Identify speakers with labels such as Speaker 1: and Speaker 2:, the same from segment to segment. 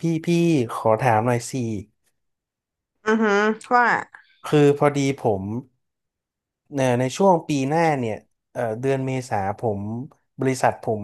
Speaker 1: พี่พี่ขอถามหน่อยสิ
Speaker 2: อือฮึว่า
Speaker 1: คือพอดีผมในช่วงปีหน้าเนี่ยเดือนเมษาผมบริษัทผม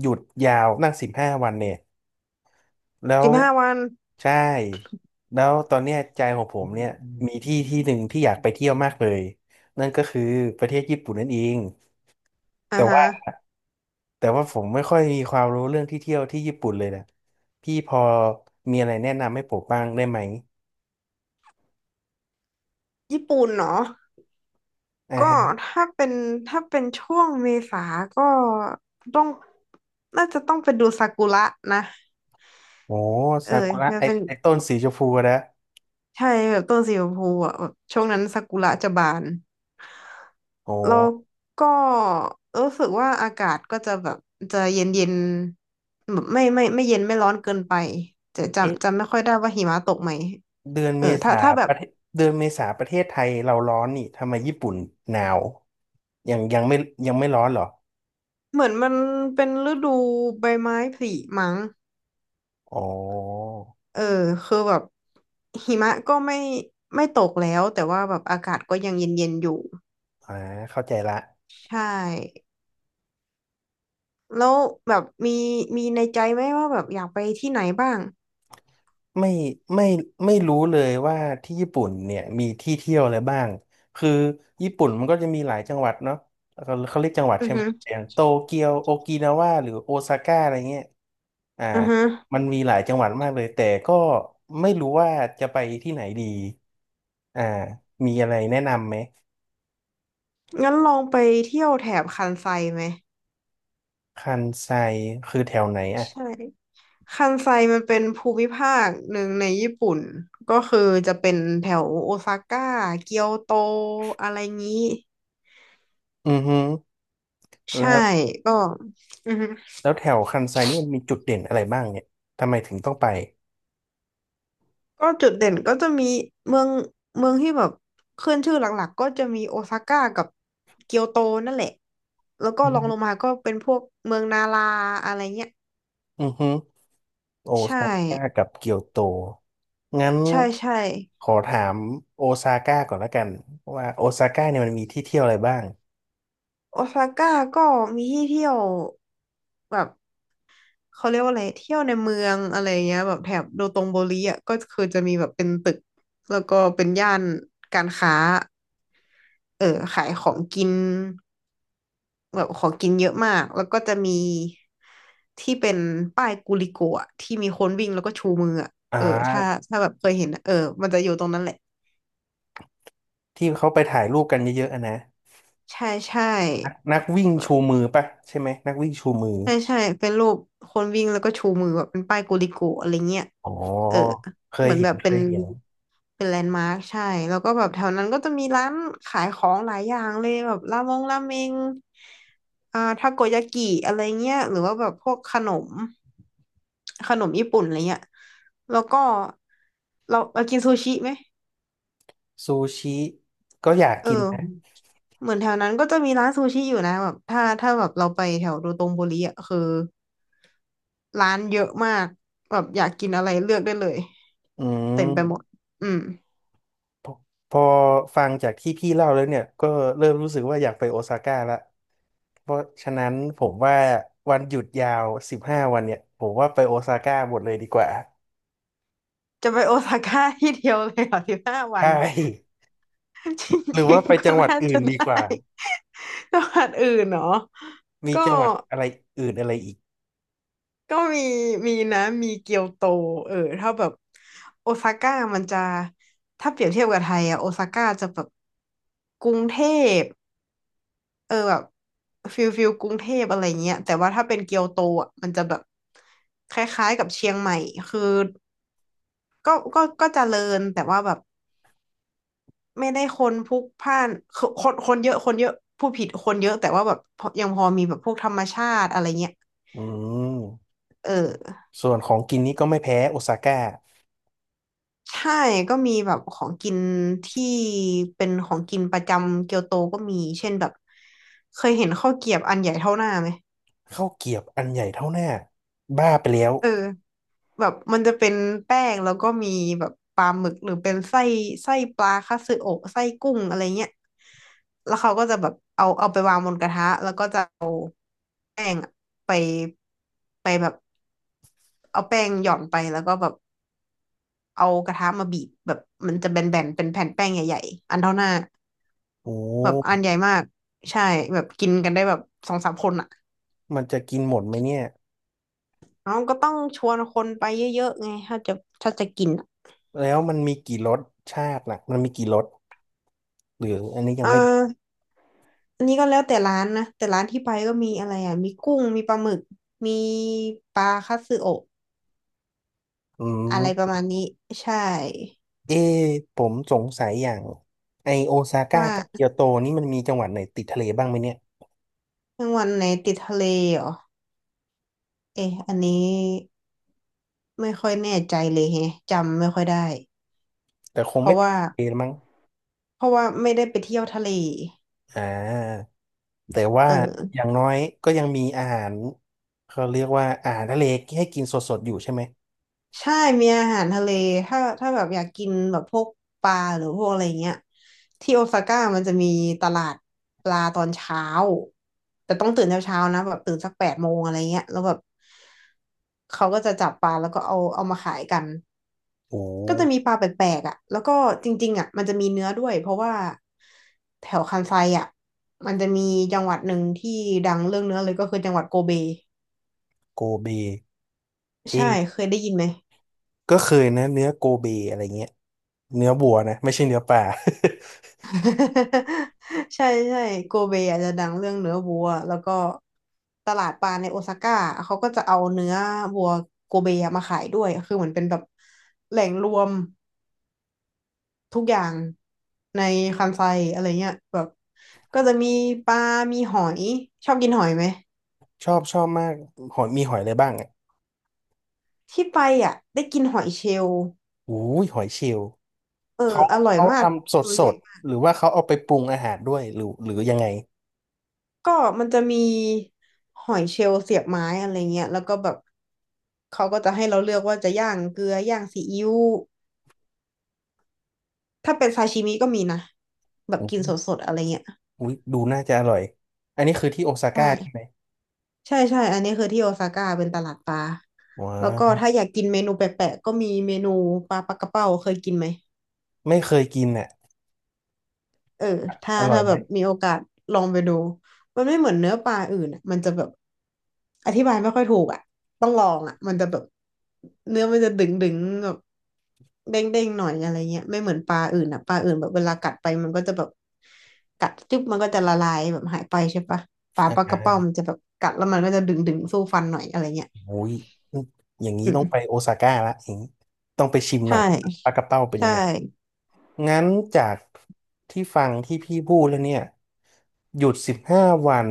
Speaker 1: หยุดยาวนั่งสิบห้าวันเนี่ยแล้ว
Speaker 2: 15 วัน
Speaker 1: ใช่แล้วตอนเนี้ยใจของผมเนี่ยมีที่ที่หนึ่งที่อยากไปเที่ยวมากเลยนั่นก็คือประเทศญี่ปุ่นนั่นเอง
Speaker 2: อ่า
Speaker 1: แต่
Speaker 2: ฮะ
Speaker 1: ว่าแต่ว่าผมไม่ค่อยมีความรู้เรื่องที่เที่ยวที่ญี่ปุ่นเลยนะพี่พอมีอะไรแนะนำให้ผมบ้างได้ไหม
Speaker 2: ญี่ปุ่นเนาะก็
Speaker 1: อ่า
Speaker 2: ถ้าเป็นถ้าเป็นช่วงเมษาก็ต้องน่าจะต้องไปดูซากุระนะ
Speaker 1: โอ้
Speaker 2: เออ
Speaker 1: ซากุระ
Speaker 2: มัน
Speaker 1: ไอ
Speaker 2: เป็น
Speaker 1: ไอต้นสีชมพูนะ
Speaker 2: ใช่แบบต้นสีชมพูอ่ะแบบช่วงนั้นซากุระจะบาน
Speaker 1: โอ้
Speaker 2: แล้วก็รู้สึกว่าอากาศก็จะแบบจะเย็นเย็นแบบไม่เย็นไม่ร้อนเกินไปจะ
Speaker 1: เอ๊ะ
Speaker 2: จำไม่ค่อยได้ว่าหิมะตกไหม
Speaker 1: เดือน
Speaker 2: เอ
Speaker 1: เม
Speaker 2: อถ้า
Speaker 1: ษา
Speaker 2: ถ้าแบ
Speaker 1: ป
Speaker 2: บ
Speaker 1: ระเทศเดือนเมษาประเทศไทยเราร้อนนี่ทำไมญี่ปุ่นหนาวยังยังไม่ยังไม่ร้อนเหรอ
Speaker 2: เหมือนมันเป็นฤดูใบไม้ผลิมั้ง
Speaker 1: อ๋อ
Speaker 2: เออคือแบบหิมะก็ไม่ตกแล้วแต่ว่าแบบอากาศก็ยังเย็นๆอยู่
Speaker 1: อ่าเข้าใจละ
Speaker 2: ใช่ แล้วแบบมีในใจไหมว่าแบบอยากไปที่ไหนบ้าง
Speaker 1: ไม่ไม่ไม่รู้เลยว่าที่ญี่ปุ่นเนี่ยมีที่เที่ยวอะไรบ้างคือญี่ปุ่นมันก็จะมีหลายจังหวัดเนาะเขาเรียกจังหวัด
Speaker 2: อือ
Speaker 1: ใช่ไหม
Speaker 2: ฮึ
Speaker 1: อย่างโตเกียวโอกินาวาหรือโอซาก้าอะไรเงี้ยอ่า
Speaker 2: อือฮึ
Speaker 1: มันมีหลายจังหวัดมากเลยแต่ก็ไม่รู้ว่าจะไปที่ไหนดีอ่ามีอะไรแนะนำไหม
Speaker 2: งั้นลองไปเที่ยวแถบคันไซไหม
Speaker 1: คันไซคือแถวไหนอ่ะ
Speaker 2: ใช่คันไซมันเป็นภูมิภาคหนึ่งในญี่ปุ่น ก็คือจะเป็นแถวโอซาก้าเกียวโตอะไรงี้
Speaker 1: อือฮึ
Speaker 2: ใช่
Speaker 1: แล้ว
Speaker 2: ก็อือฮึ
Speaker 1: แล้วแถวคันไซนี่มันมีจุดเด่นอะไรบ้างเนี่ยทำไมถึงต้องไป
Speaker 2: ก็จุดเด่นก็จะมีเมืองเมืองที่แบบขึ้นชื่อหลักๆก็จะมีโอซาก้ากับเกียวโตนั่นแหละแล้วก็รองล
Speaker 1: อื
Speaker 2: งมาก็เป็นพวกเมืองนาราอะไรเงี้ย
Speaker 1: อฮึ โอ
Speaker 2: ใช่
Speaker 1: ซาก้ากับเกียวโต งั้น
Speaker 2: ใช่ใช่
Speaker 1: ขอถามโอซาก้าก่อนละกันว่าโอซาก้าเนี่ยมันมีที่เที่ยวอะไรบ้าง
Speaker 2: โอซาก้าก็มีที่เที่ยวแบบเขาเรียกว่าอะไรเที่ยวในเมืองอะไรเงี้ยแบบแถบโดโตงโบริอ่ะก็คือจะมีแบบเป็นตึกแล้วก็เป็นย่านการค้าเออขายของกิน แบบของกินเยอะมาก แล้วก็จะมีที่เป็นป้ายกูลิโกะอะที่มีคนวิ่งแล้วก็ชูมืออะ
Speaker 1: อ่
Speaker 2: เออถ้า
Speaker 1: า
Speaker 2: ถ้าแบบเคยเห็นอะเออมันจะอยู่ตรงนั้นแหละ
Speaker 1: ที่เขาไปถ่ายรูปกันเยอะๆอะนะ
Speaker 2: ใช่ใช่
Speaker 1: นักวิ่งชูมือปะใช่ไหมนักวิ่งชูมือ
Speaker 2: ใช่ใช่เป็นรูปคนวิ่งแล้วก็ชูมือแบบเป็นป้ายกูลิโกะอะไรเงี้ย
Speaker 1: อ๋อ
Speaker 2: เออ
Speaker 1: เค
Speaker 2: เห
Speaker 1: ย
Speaker 2: มือน
Speaker 1: เห็
Speaker 2: แบ
Speaker 1: น
Speaker 2: บ
Speaker 1: เค
Speaker 2: เป็น
Speaker 1: ยเห็น
Speaker 2: เป็นแลนด์มาร์คใช่ แล้วก็แบบแถวนั้นก็จะมีร้านขายของหลายอย่างเลยแบบรามงราเมงอ่าทาโกยากิอะไรเงี้ยหรือว่าแบบพวกขนม ขนมญี่ปุ่นอะไรเงี้ยแล้วก็เรากินซูชิไหม
Speaker 1: ซูชิก็อยาก
Speaker 2: เอ
Speaker 1: กินนะ
Speaker 2: อเหมือนแถวนั้นก็จะมีร้านซูชิอยู่นะแบบถ้าแบบเราไปแถวโดโตงบุรีอ่ะคือร้านเยอะมากแบบอยากกินอะไรเลือกได้เลย
Speaker 1: อื
Speaker 2: เต็มไปหม
Speaker 1: ม
Speaker 2: ด อืม
Speaker 1: พอฟังจากที่พี่เล่าแล้วเนี่ยก็เริ่มรู้สึกว่าอยากไปโอซาก้าละเพราะฉะนั้นผมว่าวันหยุดยาวสิบห้าวันเนี่ยผมว่าไปโอซาก้าหมดเลยดีกว่า
Speaker 2: จะไปโอซาก้าที่เดียวเลยเหรอสิบห้า
Speaker 1: ใช
Speaker 2: วัน
Speaker 1: ่
Speaker 2: จ
Speaker 1: หรือ
Speaker 2: ริ
Speaker 1: ว่า
Speaker 2: ง
Speaker 1: ไป
Speaker 2: ๆก็
Speaker 1: จังหวัด
Speaker 2: น่า
Speaker 1: อื่
Speaker 2: จะ
Speaker 1: นดีกว่า
Speaker 2: ได้ จังหวัดอื่นเนาะ
Speaker 1: มี
Speaker 2: ก็
Speaker 1: จังหวัดอะไรอื่นอะไรอีก
Speaker 2: ก็มีมีนะมีเกียวโตเออถ้าแบบโอซาก้ามันจะถ้าเปรียบเทียบกับไทยอะโอซาก้าจะแบบกรุงเทพเออแบบฟิลกรุงเทพอะไรเงี้ยแต่ว่าถ้าเป็นเกียวโตอะมันจะแบบคล้ายๆกับเชียงใหม่คือก็เจริญแต่ว่าแบบไม่ได้คนพลุกพล่านคือคนเยอะคนเยอะผู้ผิดคนเยอะแต่ว่าแบบพอยังพอมีแบบพวกธรรมชาติอะไรเงี้ย
Speaker 1: อืม
Speaker 2: เออ
Speaker 1: ส่วนของกินนี้ก็ไม่แพ้โอซาก้า
Speaker 2: ใช่ก็มีแบบของกินที่เป็นของกินประจำเกียวโตก็มีเช่นแบบเคยเห็นข้าวเกรี๊ยบอันใหญ่เท่าหน้าไหม
Speaker 1: ข้าวเกรี๊ยบอันใหญ่เท่าหน้าบ้าไปแล้ว
Speaker 2: เออแบบมันจะเป็นแป้งแล้วก็มีแบบปลาหมึกหรือเป็นไส้ปลาคัตสึโอะไส้กุ้งอะไรเงี้ยแล้วเขาก็จะแบบเอาไปวางบนกระทะแล้วก็จะเอาแป้งอะไปไปแบบเอาแป้งหย่อนไปแล้วก็แบบเอากระทะมาบีบแบบมันจะแบนๆเป็นแผ่นแป้งใหญ่ๆอันเท่าหน้า
Speaker 1: โอ
Speaker 2: แบบอัน
Speaker 1: ้
Speaker 2: ใหญ่มากใช่แบบกินกันได้แบบสองสามคนอ่ะ
Speaker 1: มันจะกินหมดไหมเนี่ย
Speaker 2: น้องก็ต้องชวนคนไปเยอะๆไงถ้าจะกินอะ
Speaker 1: แล้วมันมีกี่รสชาติน่ะมันมีกี่รสหรืออันนี้ยัง
Speaker 2: อ่า
Speaker 1: ไม่
Speaker 2: อันนี้ก็แล้วแต่ร้านนะแต่ร้านที่ไปก็มีอะไรอ่ะมีกุ้งมีปลาหมึกมีปลาคัตสึโอะ
Speaker 1: อื
Speaker 2: อะไรประ
Speaker 1: ม
Speaker 2: มาณนี้ใช่
Speaker 1: เอะผมสงสัยอย่างไอโอซาก้า
Speaker 2: ว่า
Speaker 1: กับเกียวโตนี่มันมีจังหวัดไหนติดทะเลบ้างไหมเนี่ย
Speaker 2: จังหวัดไหนติดทะเลเหรอเอ๊ะอันนี้ไม่ค่อยแน่ใจเลยแฮะจำไม่ค่อยได้
Speaker 1: แต่คง
Speaker 2: เพ
Speaker 1: ไม่
Speaker 2: ราะ
Speaker 1: ติด
Speaker 2: ว่า
Speaker 1: ทะเลมั้ง
Speaker 2: เพราะว่าไม่ได้ไปเที่ยวทะเล
Speaker 1: อ่าแต่ว่า
Speaker 2: เอ
Speaker 1: อ
Speaker 2: อ
Speaker 1: ย่างน้อยก็ยังมีอาหารเขาเรียกว่าอาหารทะเลให้กินสดๆอยู่ใช่ไหม
Speaker 2: ใช่ มีอาหารทะเล ถ้าแบบอยากกินแบบพวกปลาหรือพวกอะไรเงี้ยที่โอซาก้ามันจะมีตลาดปลาตอนเช้าแต่ต้องตื่นเช้าๆนะแบบตื่นสัก8 โมงอะไรเงี้ยแล้วแบบเขาก็จะจับปลาแล้วก็เอามาขายกัน
Speaker 1: โอ้
Speaker 2: ก็จะมีปลาแปลกๆอ่ะแล้วก็จริงๆอ่ะมันจะมีเนื้อด้วยเพราะว่าแถวคันไซอ่ะมันจะมีจังหวัดหนึ่งที่ดังเรื่องเนื้อเลยก็คือจังหวัดโกเบ
Speaker 1: โกเบ
Speaker 2: ใช่
Speaker 1: เอะ
Speaker 2: เคยได้ยินไหม
Speaker 1: ก็เคยนะเนื้อโกเบอะไรเงี้ยเนื้อบัวนะไม่ใช่เนื้อปลา
Speaker 2: ใช่ใช่โกเบอาจจะดังเรื่องเนื้อวัวแล้วก็ตลาดปลาในโอซาก้าเขาก็จะเอาเนื้อวัวโกเบมาขายด้วยคือเหมือนเป็นแบบแหล่งรวมทุกอย่างในคันไซอะไรเงี้ยแบบก็จะมีปลามีหอยชอบกินหอยไหม
Speaker 1: ชอบชอบมากหอยมีหอยอะไรบ้างอ่ะ
Speaker 2: ที่ไปอ่ะได้กินหอยเชลล์
Speaker 1: อู้ยหอยเชลล์
Speaker 2: เออ
Speaker 1: เขา
Speaker 2: อร่อย
Speaker 1: เขา
Speaker 2: มาก
Speaker 1: ทำสด
Speaker 2: ตัว
Speaker 1: ส
Speaker 2: ใหญ่
Speaker 1: ดหรือว่าเขาเอาไปปรุงอาหารด้วยหรือยังไง
Speaker 2: ก็มันจะมีหอยเชลล์เสียบไม้อะไรเงี้ยแล้วก็แบบเขาก็จะให้เราเลือกว่าจะย่างเกลือย่างซีอิ๊วถ้าเป็นซาชิมิก็มีนะแบบ
Speaker 1: โอ้
Speaker 2: กิ
Speaker 1: โห
Speaker 2: นสดๆอะไรเงี้ย
Speaker 1: อุ๊ยดูน่าจะอร่อยอันนี้คือที่โอซา
Speaker 2: ใช่
Speaker 1: ก้าใช่ไหม
Speaker 2: ใช่ใช่อันนี้คือที่โอซาก้าเป็นตลาดปลา
Speaker 1: ว้า
Speaker 2: แล้วก็
Speaker 1: ว
Speaker 2: ถ้าอยากกินเมนูแปลกๆก็มีเมนูปลากระเป้าเคยกินไหม
Speaker 1: ไม่เคยกินอ่ะ
Speaker 2: เออถ้า
Speaker 1: อร่อยไหม
Speaker 2: แบบมีโอกาสลองไปดูมันไม่เหมือนเนื้อปลาอื่นอะมันจะแบบอธิบายไม่ค่อยถูกอ่ะต้องลองอ่ะมันจะแบบเนื้อมันจะดึงดึงแบบเด้งเด้งหน่อยอะไรเงี้ยไม่เหมือนปลาอื่นอ่ะปลาอื่นแบบเวลากัดไปมันก็จะแบบกัดจุ๊บมันก็จะละลายแบบหายไปใช่ปะปลา
Speaker 1: อ
Speaker 2: ปลากระเป้ามั
Speaker 1: ่า
Speaker 2: นจะแบบกัดแล้วมันก็จะดึงดึงสู้ฟันหน่อยอะไรเงี้ย
Speaker 1: โอ้ยอย่างนี้
Speaker 2: อืม
Speaker 1: ต้องไปโอซาก้าละอย่างนี้ต้องไปชิมห
Speaker 2: ใช่
Speaker 1: น่อยปลากระเป้าเป็น
Speaker 2: ใช่
Speaker 1: ยังไงงั้นจากที่ฟังที่พี่พูดแล้วเนี่ยหยุดสิบห้าวัน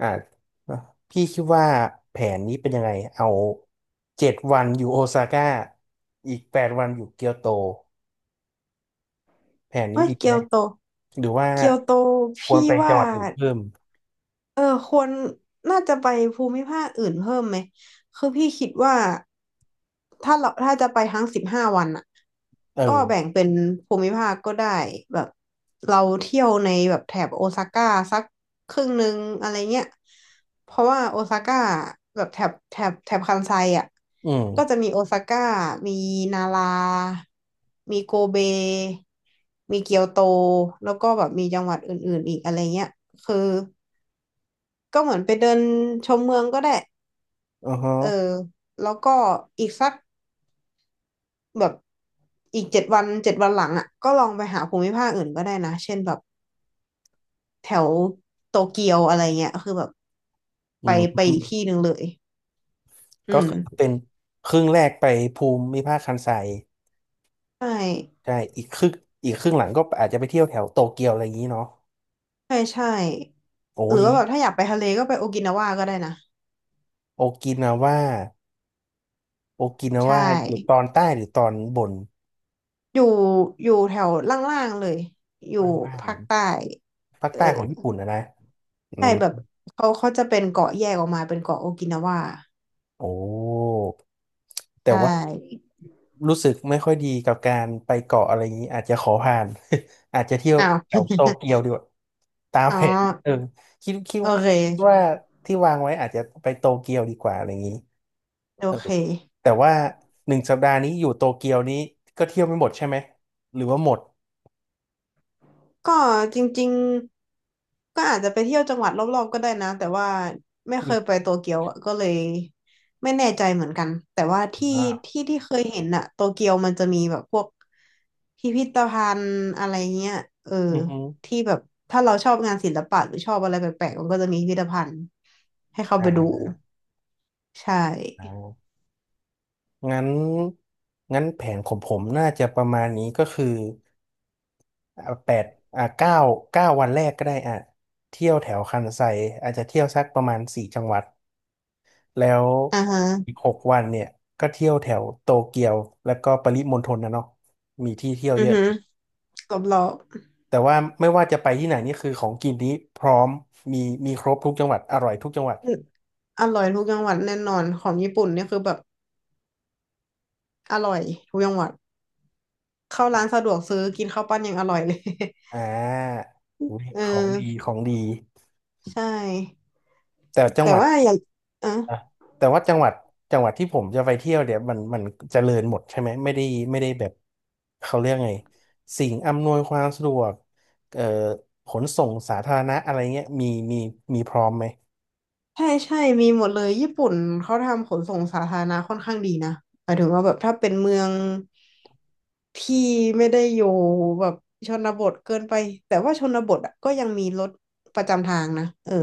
Speaker 1: อ่าพี่คิดว่าแผนนี้เป็นยังไงเอา7 วันอยู่โอซาก้าอีก8 วันอยู่เกียวโตแผนนี้
Speaker 2: เฮ้ย
Speaker 1: ดี
Speaker 2: เกี
Speaker 1: ไหม
Speaker 2: ยวโต
Speaker 1: หรือว่า
Speaker 2: เกียวโต
Speaker 1: ควร
Speaker 2: พี่
Speaker 1: ไปจั
Speaker 2: ว่า
Speaker 1: งหวัดอื่นเพิ่ม
Speaker 2: เออควรน่าจะไปภูมิภาคอื่นเพิ่มไหมคือพี่คิดว่าถ้าเราจะไปทั้ง15 วันอ่ะ
Speaker 1: เอ
Speaker 2: ก็
Speaker 1: อ
Speaker 2: แบ่งเป็นภูมิภาคก็ได้แบบเราเที่ยวในแบบแถบโอซาก้าสักครึ่งหนึ่งอะไรเงี้ยเพราะว่าโอซาก้าแบบแถบคันไซอ่ะ
Speaker 1: อื
Speaker 2: ก็จะ
Speaker 1: ม
Speaker 2: มีโอซาก้ามีนารามีโกเบมีเกียวโตแล้วก็แบบมีจังหวัดอื่นๆอีกอะไรเงี้ยคือ ก็เหมือนไปเดินชมเมืองก็ได้
Speaker 1: อือฮะ
Speaker 2: เออแล้วก็อีกสักแบบอีกเจ็ดวันหลังอ่ะก็ลองไปหาภูมิภาคอื่นก็ได้นะ เช่นแบบแถวโตเกียวอะไรเงี้ยคือแบบ
Speaker 1: อื
Speaker 2: ไปไปอีก
Speaker 1: ม
Speaker 2: ที่หนึ่งเลยอื
Speaker 1: ก็
Speaker 2: ม
Speaker 1: คือเป็นครึ่งแรกไปภูมิภาคคันไซ
Speaker 2: ใช่
Speaker 1: ใช่อีกครึ่งอีกครึ่งหลังก็อาจจะไปเที่ยวแถวโตเกียวอะไรอย่างนี้เนาะ
Speaker 2: ใช่ใช่
Speaker 1: โอ้
Speaker 2: หรือ
Speaker 1: อย่าง
Speaker 2: ว่าแบ
Speaker 1: นี้
Speaker 2: บถ้าอยากไปทะเลก็ไปโอกินาวาก็ได้นะ
Speaker 1: โอกินาว่าโอกินา
Speaker 2: ใช่
Speaker 1: ว่าอยู่ตอนใต้หรือตอนบน
Speaker 2: อยู่อยู่แถวล่างๆเลยอยู่
Speaker 1: บ้าง
Speaker 2: ภาคใต้
Speaker 1: ๆภาค
Speaker 2: เออ
Speaker 1: ใต้ของญี่ปุ่นนะนะอื
Speaker 2: ใช่
Speaker 1: ม
Speaker 2: แบบเขาจะเป็นเกาะแยกออกมาเป็นเกาะโอกินาวา
Speaker 1: โอ้
Speaker 2: ใช
Speaker 1: แต่ว่า
Speaker 2: ่
Speaker 1: รู้สึกไม่ค่อยดีกับการไปเกาะอะไรอย่างนี้อาจจะขอผ่าน อาจจะเที่ยว
Speaker 2: อ้าว
Speaker 1: แถวโตเกียว ดีกว่าตาม
Speaker 2: อ๋อ
Speaker 1: แผนเออคิด
Speaker 2: โอเ
Speaker 1: ว่า
Speaker 2: ค
Speaker 1: ที่วางไว้อาจจะไปโตเกียวดีกว่าอะไรอย่างนี้
Speaker 2: โอ
Speaker 1: เออ
Speaker 2: เค
Speaker 1: แต่ว่าหนึ่งสัปดาห์นี้อยู่โตเกียวนี้ก็เที่ยวไม่หมดใช่ไหมหรือว่าหมด
Speaker 2: ก็จริงๆ ก็อาจจะไปเที่ยวจังหวัดรอบๆก็ได้นะ แต่ว่าไม่เค
Speaker 1: มี
Speaker 2: ยไปโตเกียวอะก็เลยไม่แน่ใจเหมือนกัน แต่ว่าที่
Speaker 1: อ่า
Speaker 2: ที่ที่เคยเห็นอะโตเกียวมันจะมีแบบพวกพิพิธภัณฑ์อะไรเงี้ยเออ
Speaker 1: อือฮึ
Speaker 2: ที่แบบถ้าเราชอบงานศิลปะหรือชอบอะไรแปลกๆมันก็จะมีพิพิธภัณฑ์ให้เข้าไปดู
Speaker 1: อ่า
Speaker 2: ใช่
Speaker 1: งั้นงั้นแผนของผมน่าจะประมาณนี้ก็คือ อ่าแปดอ่าเก้า9 วันแรกก็ได้อ่ะเที่ยวแถวคันไซอาจจะเที่ยวสักประมาณสี่จังหวัดแล้ว
Speaker 2: อ่าฮะ
Speaker 1: อีก6 วันเนี่ยก็เที่ยวแถวโตเกียวแล้วก็ปริมณฑลนะเนาะมีที่เที่ยว
Speaker 2: อื
Speaker 1: เย
Speaker 2: อ
Speaker 1: อะ
Speaker 2: ฮึรอบ
Speaker 1: แต่ว่าไม่ว่าจะไปที่ไหนนี่คือของกินนี้พร้อมมีมีครบทุกจังหวัดอร่อยทุกจังหวัด
Speaker 2: ๆ อร่อยทุกจังหวัดแน่นอนของญี่ปุ่นเนี่ยคือแบบอร่อยทุกจังหวัดเข้าร้านสะดวกซื้อกินข้าวปั้นยังอร่อยเลย
Speaker 1: อ่า อุ๊ย
Speaker 2: เ
Speaker 1: ของดี
Speaker 2: ออ
Speaker 1: ของดี
Speaker 2: ใช่
Speaker 1: แต่จัง
Speaker 2: แต่
Speaker 1: หวัด
Speaker 2: ว่าอย่างอ่ะ
Speaker 1: นะแต่ว่าจังหวัดที่ผมจะไปเที่ยวเดี๋ยวมันเจริญหมดใช่ไหมไม่ได้แบบเขาเรียกไงสิ่งอำนวยความสะดวกเอ่อขนส่งสาธารณะอะไรเงี้ยมีมีพร้อมไหม
Speaker 2: ใช่ใช่มีหมดเลยญี่ปุ่นเขาทำขนส่งสาธารณะค่อนข้างดีนะหมายถึงว่าแบบถ้าเป็นเมืองที่ไม่ได้อยู่แบบชนบทเกินไปแต่ว่าชนบทอะก็ยังมีรถประจำทางนะเออ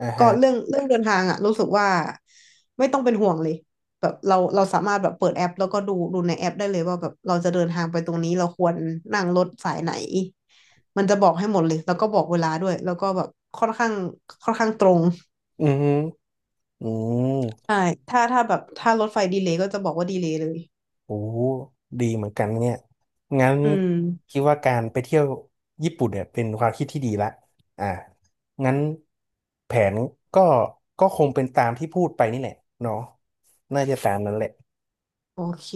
Speaker 1: อ่า
Speaker 2: ก็
Speaker 1: ฮะ
Speaker 2: เรื่องเดินทางอะรู้สึกว่าไม่ต้องเป็นห่วงเลยแบบเราสามารถแบบเปิดแอปแล้วก็ดูในแอปได้เลยว่าแบบเราจะเดินทางไปตรงนี้เราควรนั่งรถสายไหนมันจะบอกให้หมดเลยแล้วก็บอกเวลาด้วยแล้วก็แบบค่อนข้างค่อนข้างตรง
Speaker 1: อือฮึอืม
Speaker 2: ใช่ถ้าแบบถ้ารถไฟดีเลย์ก็จะบอกว่าดีเลย์เลย
Speaker 1: โอ้โหดีเหมือนกันเนี่ยงั้น
Speaker 2: อืม
Speaker 1: คิดว่าการไปเที่ยวญี่ปุ่นเนี่ยเป็นความคิดที่ดีละอ่างั้นแผนก็ก็คงเป็นตามที่พูดไปนี่แหละเนาะน่าจะตามนั้นแหละ
Speaker 2: โอเค